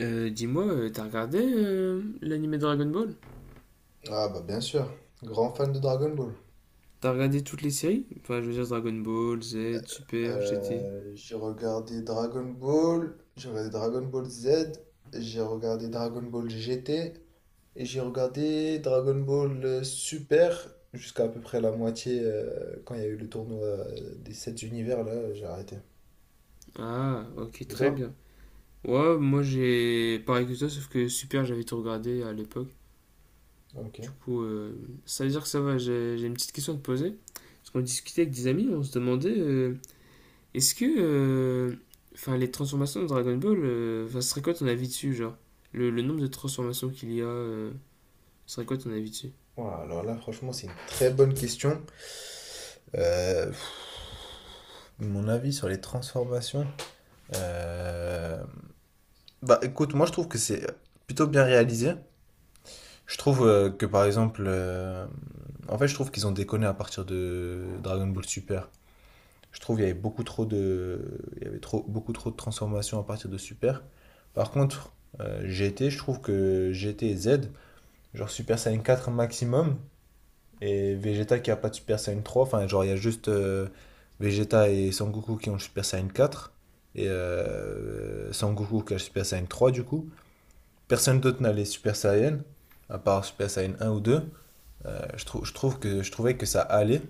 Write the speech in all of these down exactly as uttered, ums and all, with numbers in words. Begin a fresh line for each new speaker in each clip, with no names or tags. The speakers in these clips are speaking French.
Euh, dis-moi, euh, t'as regardé euh, l'anime Dragon Ball?
Ah bah bien sûr, grand fan de Dragon Ball.
T'as regardé toutes les séries? Enfin, je veux dire Dragon Ball, Z, Super, G T.
Euh, j'ai regardé Dragon Ball, j'ai regardé Dragon Ball Z, j'ai regardé Dragon Ball G T et j'ai regardé Dragon Ball euh, Super jusqu'à à peu près la moitié euh, quand il y a eu le tournoi euh, des sept univers là, j'ai arrêté.
Ah, ok,
Et
très
toi?
bien. Ouais, moi j'ai pareil que toi, sauf que Super, j'avais tout regardé à l'époque.
Ok.
Du coup, euh, ça veut dire que ça va, j'ai j'ai une petite question à te poser. Parce qu'on discutait avec des amis, on se demandait, euh, est-ce que, euh, enfin, les transformations de Dragon Ball, euh, enfin, ce serait quoi ton avis dessus, genre? Le, le nombre de transformations qu'il y a, euh, ce serait quoi ton avis dessus?
Voilà, alors là, franchement, c'est une très bonne question. Euh, pff, mon avis sur les transformations. euh, Bah écoute, moi je trouve que c'est plutôt bien réalisé. Je trouve euh, que par exemple, euh, en fait, je trouve qu'ils ont déconné à partir de Dragon Ball Super. Je trouve qu'il y avait beaucoup trop de, il y avait trop, beaucoup trop de transformations à partir de Super. Par contre, euh, G T, je trouve que G T et Z, genre Super Saiyan quatre maximum, et Vegeta qui a pas de Super Saiyan trois enfin genre il y a juste euh, Vegeta et Son Goku qui ont le Super Saiyan quatre et euh, Son Goku qui a le Super Saiyan trois du coup. Personne d'autre n'a les Super Saiyan, à part Super Saiyan un ou deux. Euh, je, trou- je trouve que, je trouvais que ça allait.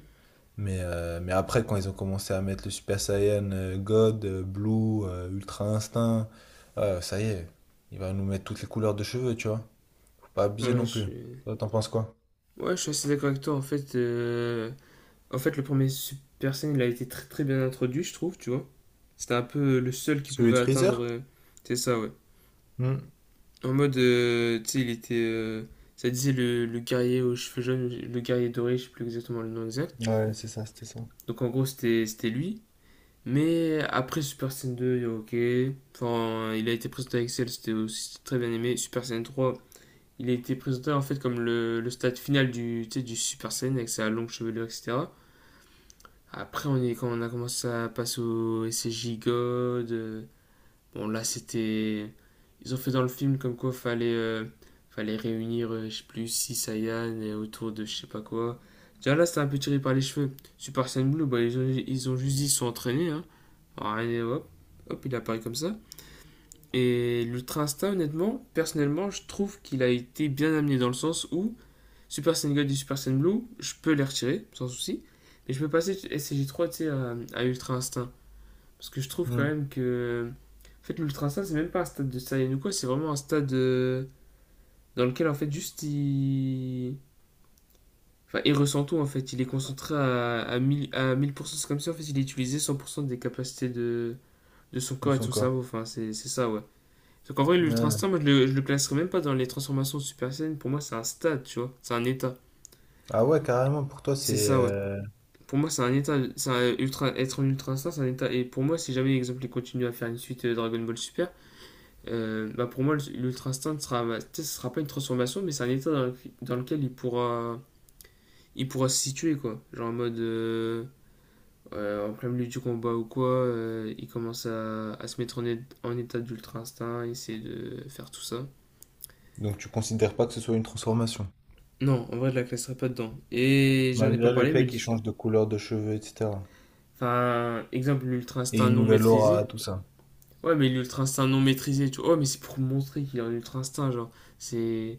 Mais, euh, mais après, quand ils ont commencé à mettre le Super Saiyan euh, God, euh, Blue, euh, Ultra Instinct, euh, ça y est, il va nous mettre toutes les couleurs de cheveux, tu vois. Faut pas abuser
Ouais, je
non plus.
suis...
Toi, t'en penses quoi?
Ouais, je suis assez d'accord avec toi. En fait, euh, en fait, le premier Super Saiyan, il a été très très bien introduit, je trouve, tu vois. C'était un peu le seul qui
Celui
pouvait
de
atteindre.
Freezer?
euh, C'est ça, ouais.
Hmm.
En mode, euh, tu sais, il était. Euh, ça disait le, le guerrier aux cheveux jaunes, le guerrier doré, je sais plus exactement le nom exact.
Ouais, c'est ça, c'était ça.
Donc en gros, c'était c'était lui. Mais après Super Saiyan deux il y a ok. Enfin, il a été présenté avec Cell, c'était aussi très bien aimé. Super Saiyan trois il a été présenté en fait comme le, le stade final du, tu sais, du Super Saiyan avec sa longue chevelure, et cetera. Après, on est, quand on a commencé à passer au S C J God, euh, bon là c'était. Ils ont fait dans le film comme quoi fallait, euh, fallait réunir, euh, je sais plus, six Saiyans et autour de je sais pas quoi. Déjà là c'était un peu tiré par les cheveux. Super Saiyan Blue, bah, ils, ont, ils ont juste dit ils sont entraînés. Hein. Alors, hop, hop, il apparaît comme ça. Et l'Ultra Instinct, honnêtement, personnellement, je trouve qu'il a été bien amené dans le sens où Super Saiyan Gold et Super Saiyan Blue, je peux les retirer, sans souci. Mais je peux passer scg trois tu sais, à, à Ultra Instinct. Parce que je trouve quand
Hmm.
même que. En fait, l'Ultra Instinct, c'est même pas un stade de Saiyan ou quoi, c'est vraiment un stade euh, dans lequel, en fait, juste il. Enfin, il ressent tout, en fait. Il est concentré à, à mille pour cent c'est comme ça, en fait, il a utilisé cent pour cent des capacités de, de son
De
corps et de
son
son cerveau.
corps.
Enfin, c'est c'est ça, ouais. Donc, en vrai, l'Ultra
Ouais.
Instinct, moi, je le, je le classerais même pas dans les transformations de Super Saiyan. Pour moi, c'est un stade, tu vois. C'est un état.
Ah ouais, carrément, pour toi,
C'est
c'est...
ça, ouais.
euh,
Pour moi, c'est un état, c'est un ultra, être en ultra instinct, c'est un état. Et pour moi, si jamais, exemple, ils continuent à faire une suite euh, Dragon Ball Super, euh, bah pour moi, l'ultra instinct sera, bah, ce sera pas une transformation, mais c'est un état dans, le- dans lequel il pourra, il pourra se situer quoi. Genre en mode, euh, euh, en plein milieu du combat ou quoi, euh, il commence à, à se mettre en, é- en état d'ultra instinct, essayer de faire tout ça.
Donc tu considères pas que ce soit une transformation,
Non, en vrai, je la classerai pas dedans. Et j'en ai pas
malgré le
parlé,
fait
mais,
qu'il change de couleur de cheveux, et cetera.
enfin, exemple, l'ultra
Et
instinct
une
non
nouvelle aura,
maîtrisé.
tout ça.
Ouais, mais l'ultra instinct non maîtrisé, tu vois. Ouais, mais c'est pour montrer qu'il a un ultra instinct, genre. C'est.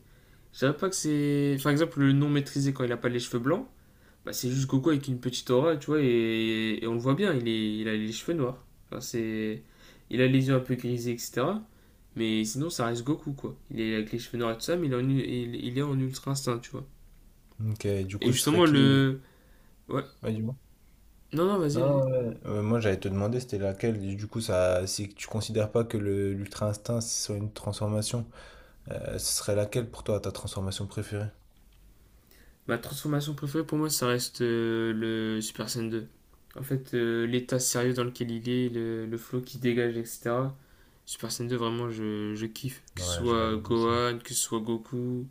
Je dirais pas que c'est. Par exemple, le non maîtrisé quand il a pas les cheveux blancs, bah c'est juste Goku avec une petite aura, tu vois, et, et on le voit bien, il, est... il a les cheveux noirs. Enfin, c'est. Il a les yeux un peu grisés, et cetera. Mais sinon, ça reste Goku, quoi. Il est avec les cheveux noirs et tout ça, mais il est en, il... il est en ultra instinct, tu vois.
Ok, du
Et
coup, ce serait
justement,
qui?
le. Ouais.
Ouais, dis-moi.
Non, non, vas-y, vas-y.
Non, non, ouais. Euh, moi, j'allais te demander, c'était laquelle. Du coup, ça, si tu considères pas que le l'ultra instinct soit une transformation, euh, ce serait laquelle pour toi, ta transformation préférée?
Ma transformation préférée pour moi, ça reste euh, le Super Saiyan deux. En fait, euh, l'état sérieux dans lequel il est, le, le flow qui dégage, et cetera. Super Saiyan deux, vraiment, je, je kiffe. Que ce
Ouais, je
soit
valide aussi.
Gohan, que ce soit Goku.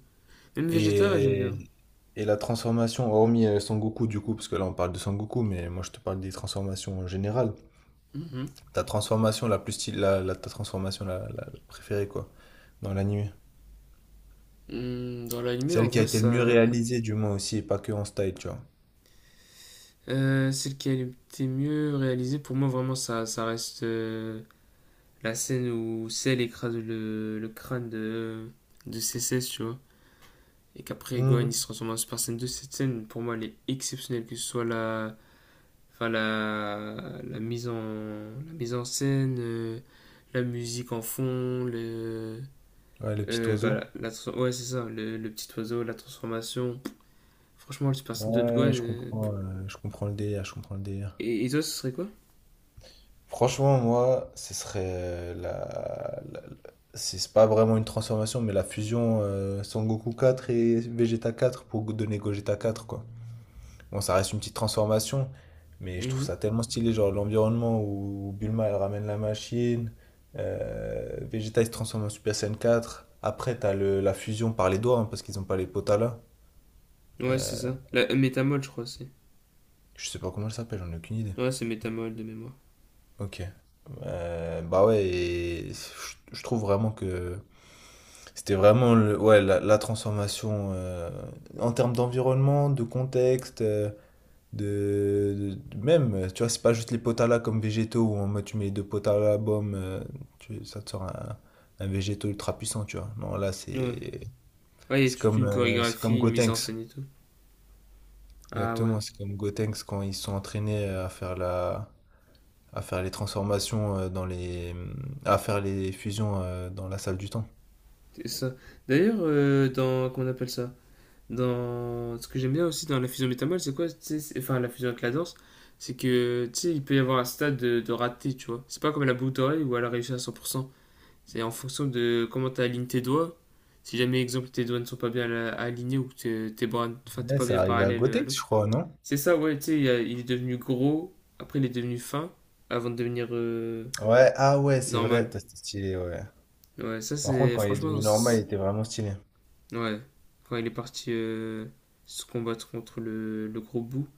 Même Vegeta, j'aime bien.
Et, et la transformation, hormis euh, Son Goku du coup, parce que là on parle de Son Goku, mais moi je te parle des transformations en général.
Mhm.
Ta transformation la plus stylée, la, la- ta transformation la, la- la préférée quoi, dans l'anime.
Hum, dans l'anime, en
Celle qui a
vrai,
été le mieux
ça.
réalisée du moins aussi, et pas que en style, tu vois.
Euh, celle qui a été mieux réalisée, pour moi, vraiment, ça, ça reste euh, la scène où Cell écrase le, le crâne de, de C C S, tu vois. Et qu'après Gohan il
Mhm.
se transforme en Super Saiyan deux, cette scène pour moi elle est exceptionnelle, que ce soit la, enfin, la, la, mise, en, la mise en scène, euh, la musique en fond, le,
Ouais, le petit
euh, bah,
oiseau.
la, la, ouais, c'est ça, le, le, petit oiseau, la transformation. Franchement, le Super Saiyan deux de Gohan.
Ouais, je
Euh,
comprends, euh, je comprends le délire, je comprends le délire.
et, et, toi, ce serait quoi
Franchement, moi, ce serait euh, la, la- la- c'est c'est pas vraiment une transformation, mais la fusion euh, Son Goku quatre et Vegeta quatre pour go- donner Gogeta quatre, quoi. Bon, ça reste une petite transformation, mais
mm
je trouve
-hmm.
ça tellement stylé, genre l'environnement où Bulma, elle ramène la machine, euh, Vegeta, il se transforme en Super Saiyan quatre. Après, t'as le, la fusion par les doigts, hein, parce qu'ils ont pas les potas là.
Ouais, c'est
Euh,
ça. La euh, Métamol, je crois, c'est.
je sais pas comment elle s'appelle, j'en ai aucune idée.
Ouais, c'est Métamol de mémoire.
Ok. Euh, bah ouais, et je je trouve vraiment que c'était vraiment le, ouais, la, la transformation euh, en termes d'environnement, de contexte, euh, de, de- de- même, euh, tu vois, c'est pas juste les potala comme végétaux où en mode tu mets deux potala boum, euh, tu- ça te sort un, un végétaux ultra puissant, tu vois. Non, là,
Ouais.
c'est
Ouais, il y a
c'est
toute
comme,
une
euh, c'est comme
chorégraphie, une mise en
Gotenks.
scène et tout. Ah ouais,
Exactement, c'est comme Gotenks quand ils sont entraînés à faire la, À faire les transformations, heu, dans les mmh, à faire les fusions, heu, dans la salle du temps.
c'est ça. D'ailleurs, euh, dans. Comment on appelle ça Dans... Ce que j'aime bien aussi dans la fusion métamol, c'est quoi? Tu sais, c'est- enfin, la fusion avec la danse, c'est que, tu sais, il peut y avoir un stade de, de raté, tu vois. C'est pas comme la boucle d'oreille où elle a réussi à cent pour cent. C'est en fonction de comment tu alignes tes doigts. Si jamais, exemple, tes doigts ne sont pas bien la- alignés ou que t'es- tes bras, enfin, t'es
Ouais,
pas
c'est
bien
arrivé à
parallèle euh, à
Gothx, je
l'autre.
crois, non?
C'est ça, ouais, tu sais, il, y a- il est devenu gros, après il est devenu fin, avant de devenir euh,
Ouais, ah ouais, c'est vrai,
normal.
t'as c'était stylé, ouais.
Ouais, ça
Par contre,
c'est,
quand il est
franchement,
devenu normal,
c'est-
il était vraiment stylé.
ouais. Quand il est parti euh, se combattre contre le, le gros bout.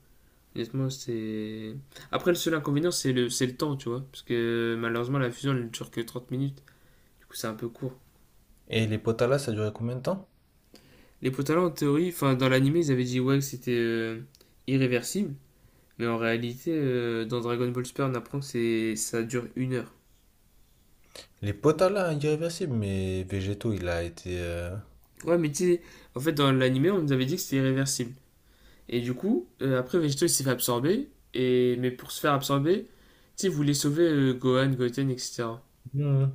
Honnêtement, c'est. Après, le seul inconvénient, c'est le, c'est le temps, tu vois. Parce que malheureusement, la fusion, elle ne dure que trente minutes. Du coup, c'est un peu court.
Et les Potala, ça a duré combien de temps?
Les potalons, en théorie, enfin, dans l'anime, ils avaient dit ouais, que c'était euh, irréversible. Mais en réalité, euh, dans Dragon Ball Super, on apprend que c'est, ça dure une heure.
Les Potala irréversibles, mais Végéto, il a été, heu,
Ouais, mais tu sais, en fait, dans l'anime, on nous avait dit que c'était irréversible. Et du coup, euh, après, Vegito, il s'est fait absorber. Et... Mais pour se faire absorber, tu sais, il voulait sauver euh, Gohan, Goten, et cetera.
mmh,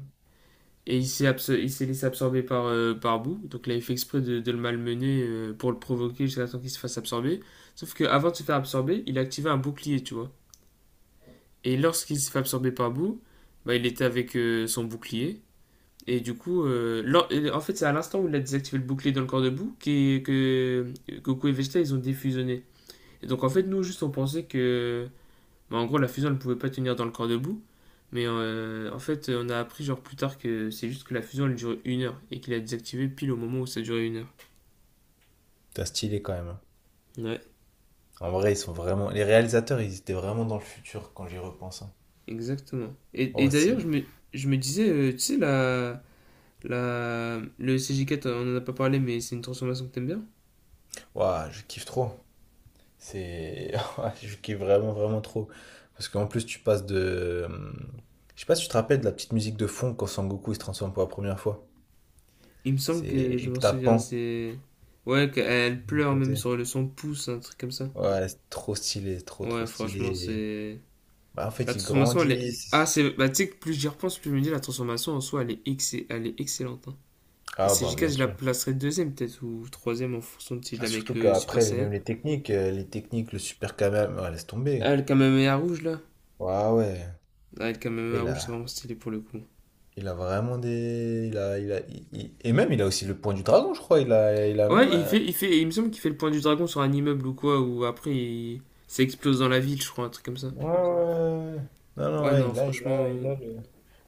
Et il s'est abso- il s'est laissé absorber par, euh, par Boo. Donc là, il fait exprès de, de le malmener euh, pour le provoquer jusqu'à temps qu'il se fasse absorber. Sauf qu'avant de se faire absorber, il a activé un bouclier, tu vois. Et lorsqu'il s'est fait absorber par Boo, bah, il était avec euh, son bouclier. Et du coup, euh, lor- et en fait, c'est à l'instant où il a désactivé le bouclier dans le corps de Boo que Goku et Vegeta, ils ont défusionné. Et donc en fait, nous, juste on pensait que bah, en gros, la fusion, elle pouvait pas tenir dans le corps debout. Mais euh, en fait, on a appris genre plus tard que c'est juste que la fusion, elle durait une heure et qu'il a désactivé pile au moment où ça durait une heure.
c'était stylé quand même, hein.
Ouais,
En vrai, ils sont vraiment les réalisateurs, ils étaient vraiment dans le futur quand j'y repense, hein.
exactement. Et, et
Oh,
d'ailleurs, je
c'est
me, je me disais, euh, tu sais, la, la, le C J quatre, on en a pas parlé, mais c'est une transformation que t'aimes bien.
waouh, je kiffe trop. C'est. Je kiffe vraiment, vraiment trop. Parce qu'en plus, tu passes de. Je sais pas si tu te rappelles de la petite musique de fond quand Sangoku il se transforme pour la première fois.
Il me semble
C'est.
que je
Et que
m'en
t'as
souviens,
Pan
c'est. Ouais, qu'elle
à
pleure même
côté.
sur le son pouce, un truc comme ça.
Ouais, c'est trop stylé, trop, trop
Ouais, franchement,
stylé.
c'est.
Bah, en
La
fait, ils
transformation, elle est. Ah,
grandissent.
c'est. Bah, tu sais, que plus j'y repense, plus je me dis, la transformation en soi, elle est, ex- elle est excellente. Hein. Et
Ah, bah,
C J K,
bien
je la
sûr.
placerai deuxième peut-être, ou troisième en fonction de si je
Ah,
la mets avec
surtout
le Super
qu'après, les,
Saiyan.
même les techniques, euh, les techniques, le super Kamehameha, ouais, laisse tomber.
Ah, le Kamehameha rouge là.
Ouais, ouais.
Ah, le Kamehameha
Il
rouge, c'est
a,
vraiment stylé pour le coup.
il a vraiment des. Il a, il a, il- il- Et même, il a aussi le point du dragon, je crois. Il a, il a même.
Ouais, il
euh,
fait, il fait, il me semble qu'il fait le point du dragon sur un immeuble ou quoi, ou après il s'explose dans la ville, je crois, un truc comme ça.
Ouais, ouais. Ouais. Non, non,
Ouais,
ouais,
non,
il a, il a,
franchement,
il a le.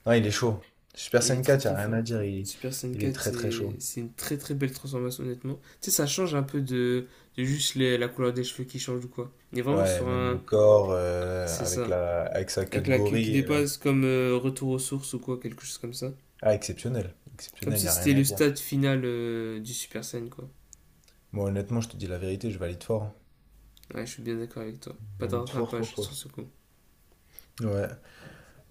Non, il est chaud. Super
il
Saiyan
est très
quatre, il n'y
très
a rien
fort.
à dire. Il,
Super Saiyan
il est
quatre,
très, très
c'est
chaud.
c'est une très très belle transformation, honnêtement. Tu sais, ça change un peu de, de juste les- la couleur des cheveux qui change ou quoi. Il est vraiment
Ouais,
sur
même le
un.
corps, euh,
C'est
avec
ça.
la, avec sa queue
Avec
de
la queue qui
gorille. euh.
dépasse, comme euh, retour aux sources ou quoi, quelque chose comme ça.
Ah, exceptionnel.
Comme
Exceptionnel, il
si
n'y a
c'était
rien à
le
dire.
stade final euh, du Super Saiyan, quoi.
Moi, honnêtement, je te dis la vérité, je valide fort, hein.
Ouais, je suis bien d'accord avec toi.
Je
Pas de
valide fort, fort,
rattrapage
fort.
sur ce coup.
Ouais.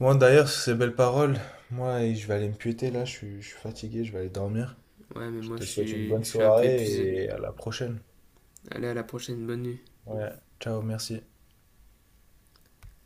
Moi, d'ailleurs, sur ces belles paroles, moi, je vais aller me piéter là. Je suis, je suis fatigué, je vais aller dormir.
Ouais, mais
Je
moi,
te
je
souhaite une
suis,
bonne
je suis un peu épuisé.
soirée et à la prochaine.
Allez, à la prochaine, bonne nuit.
Ouais. Ciao, merci.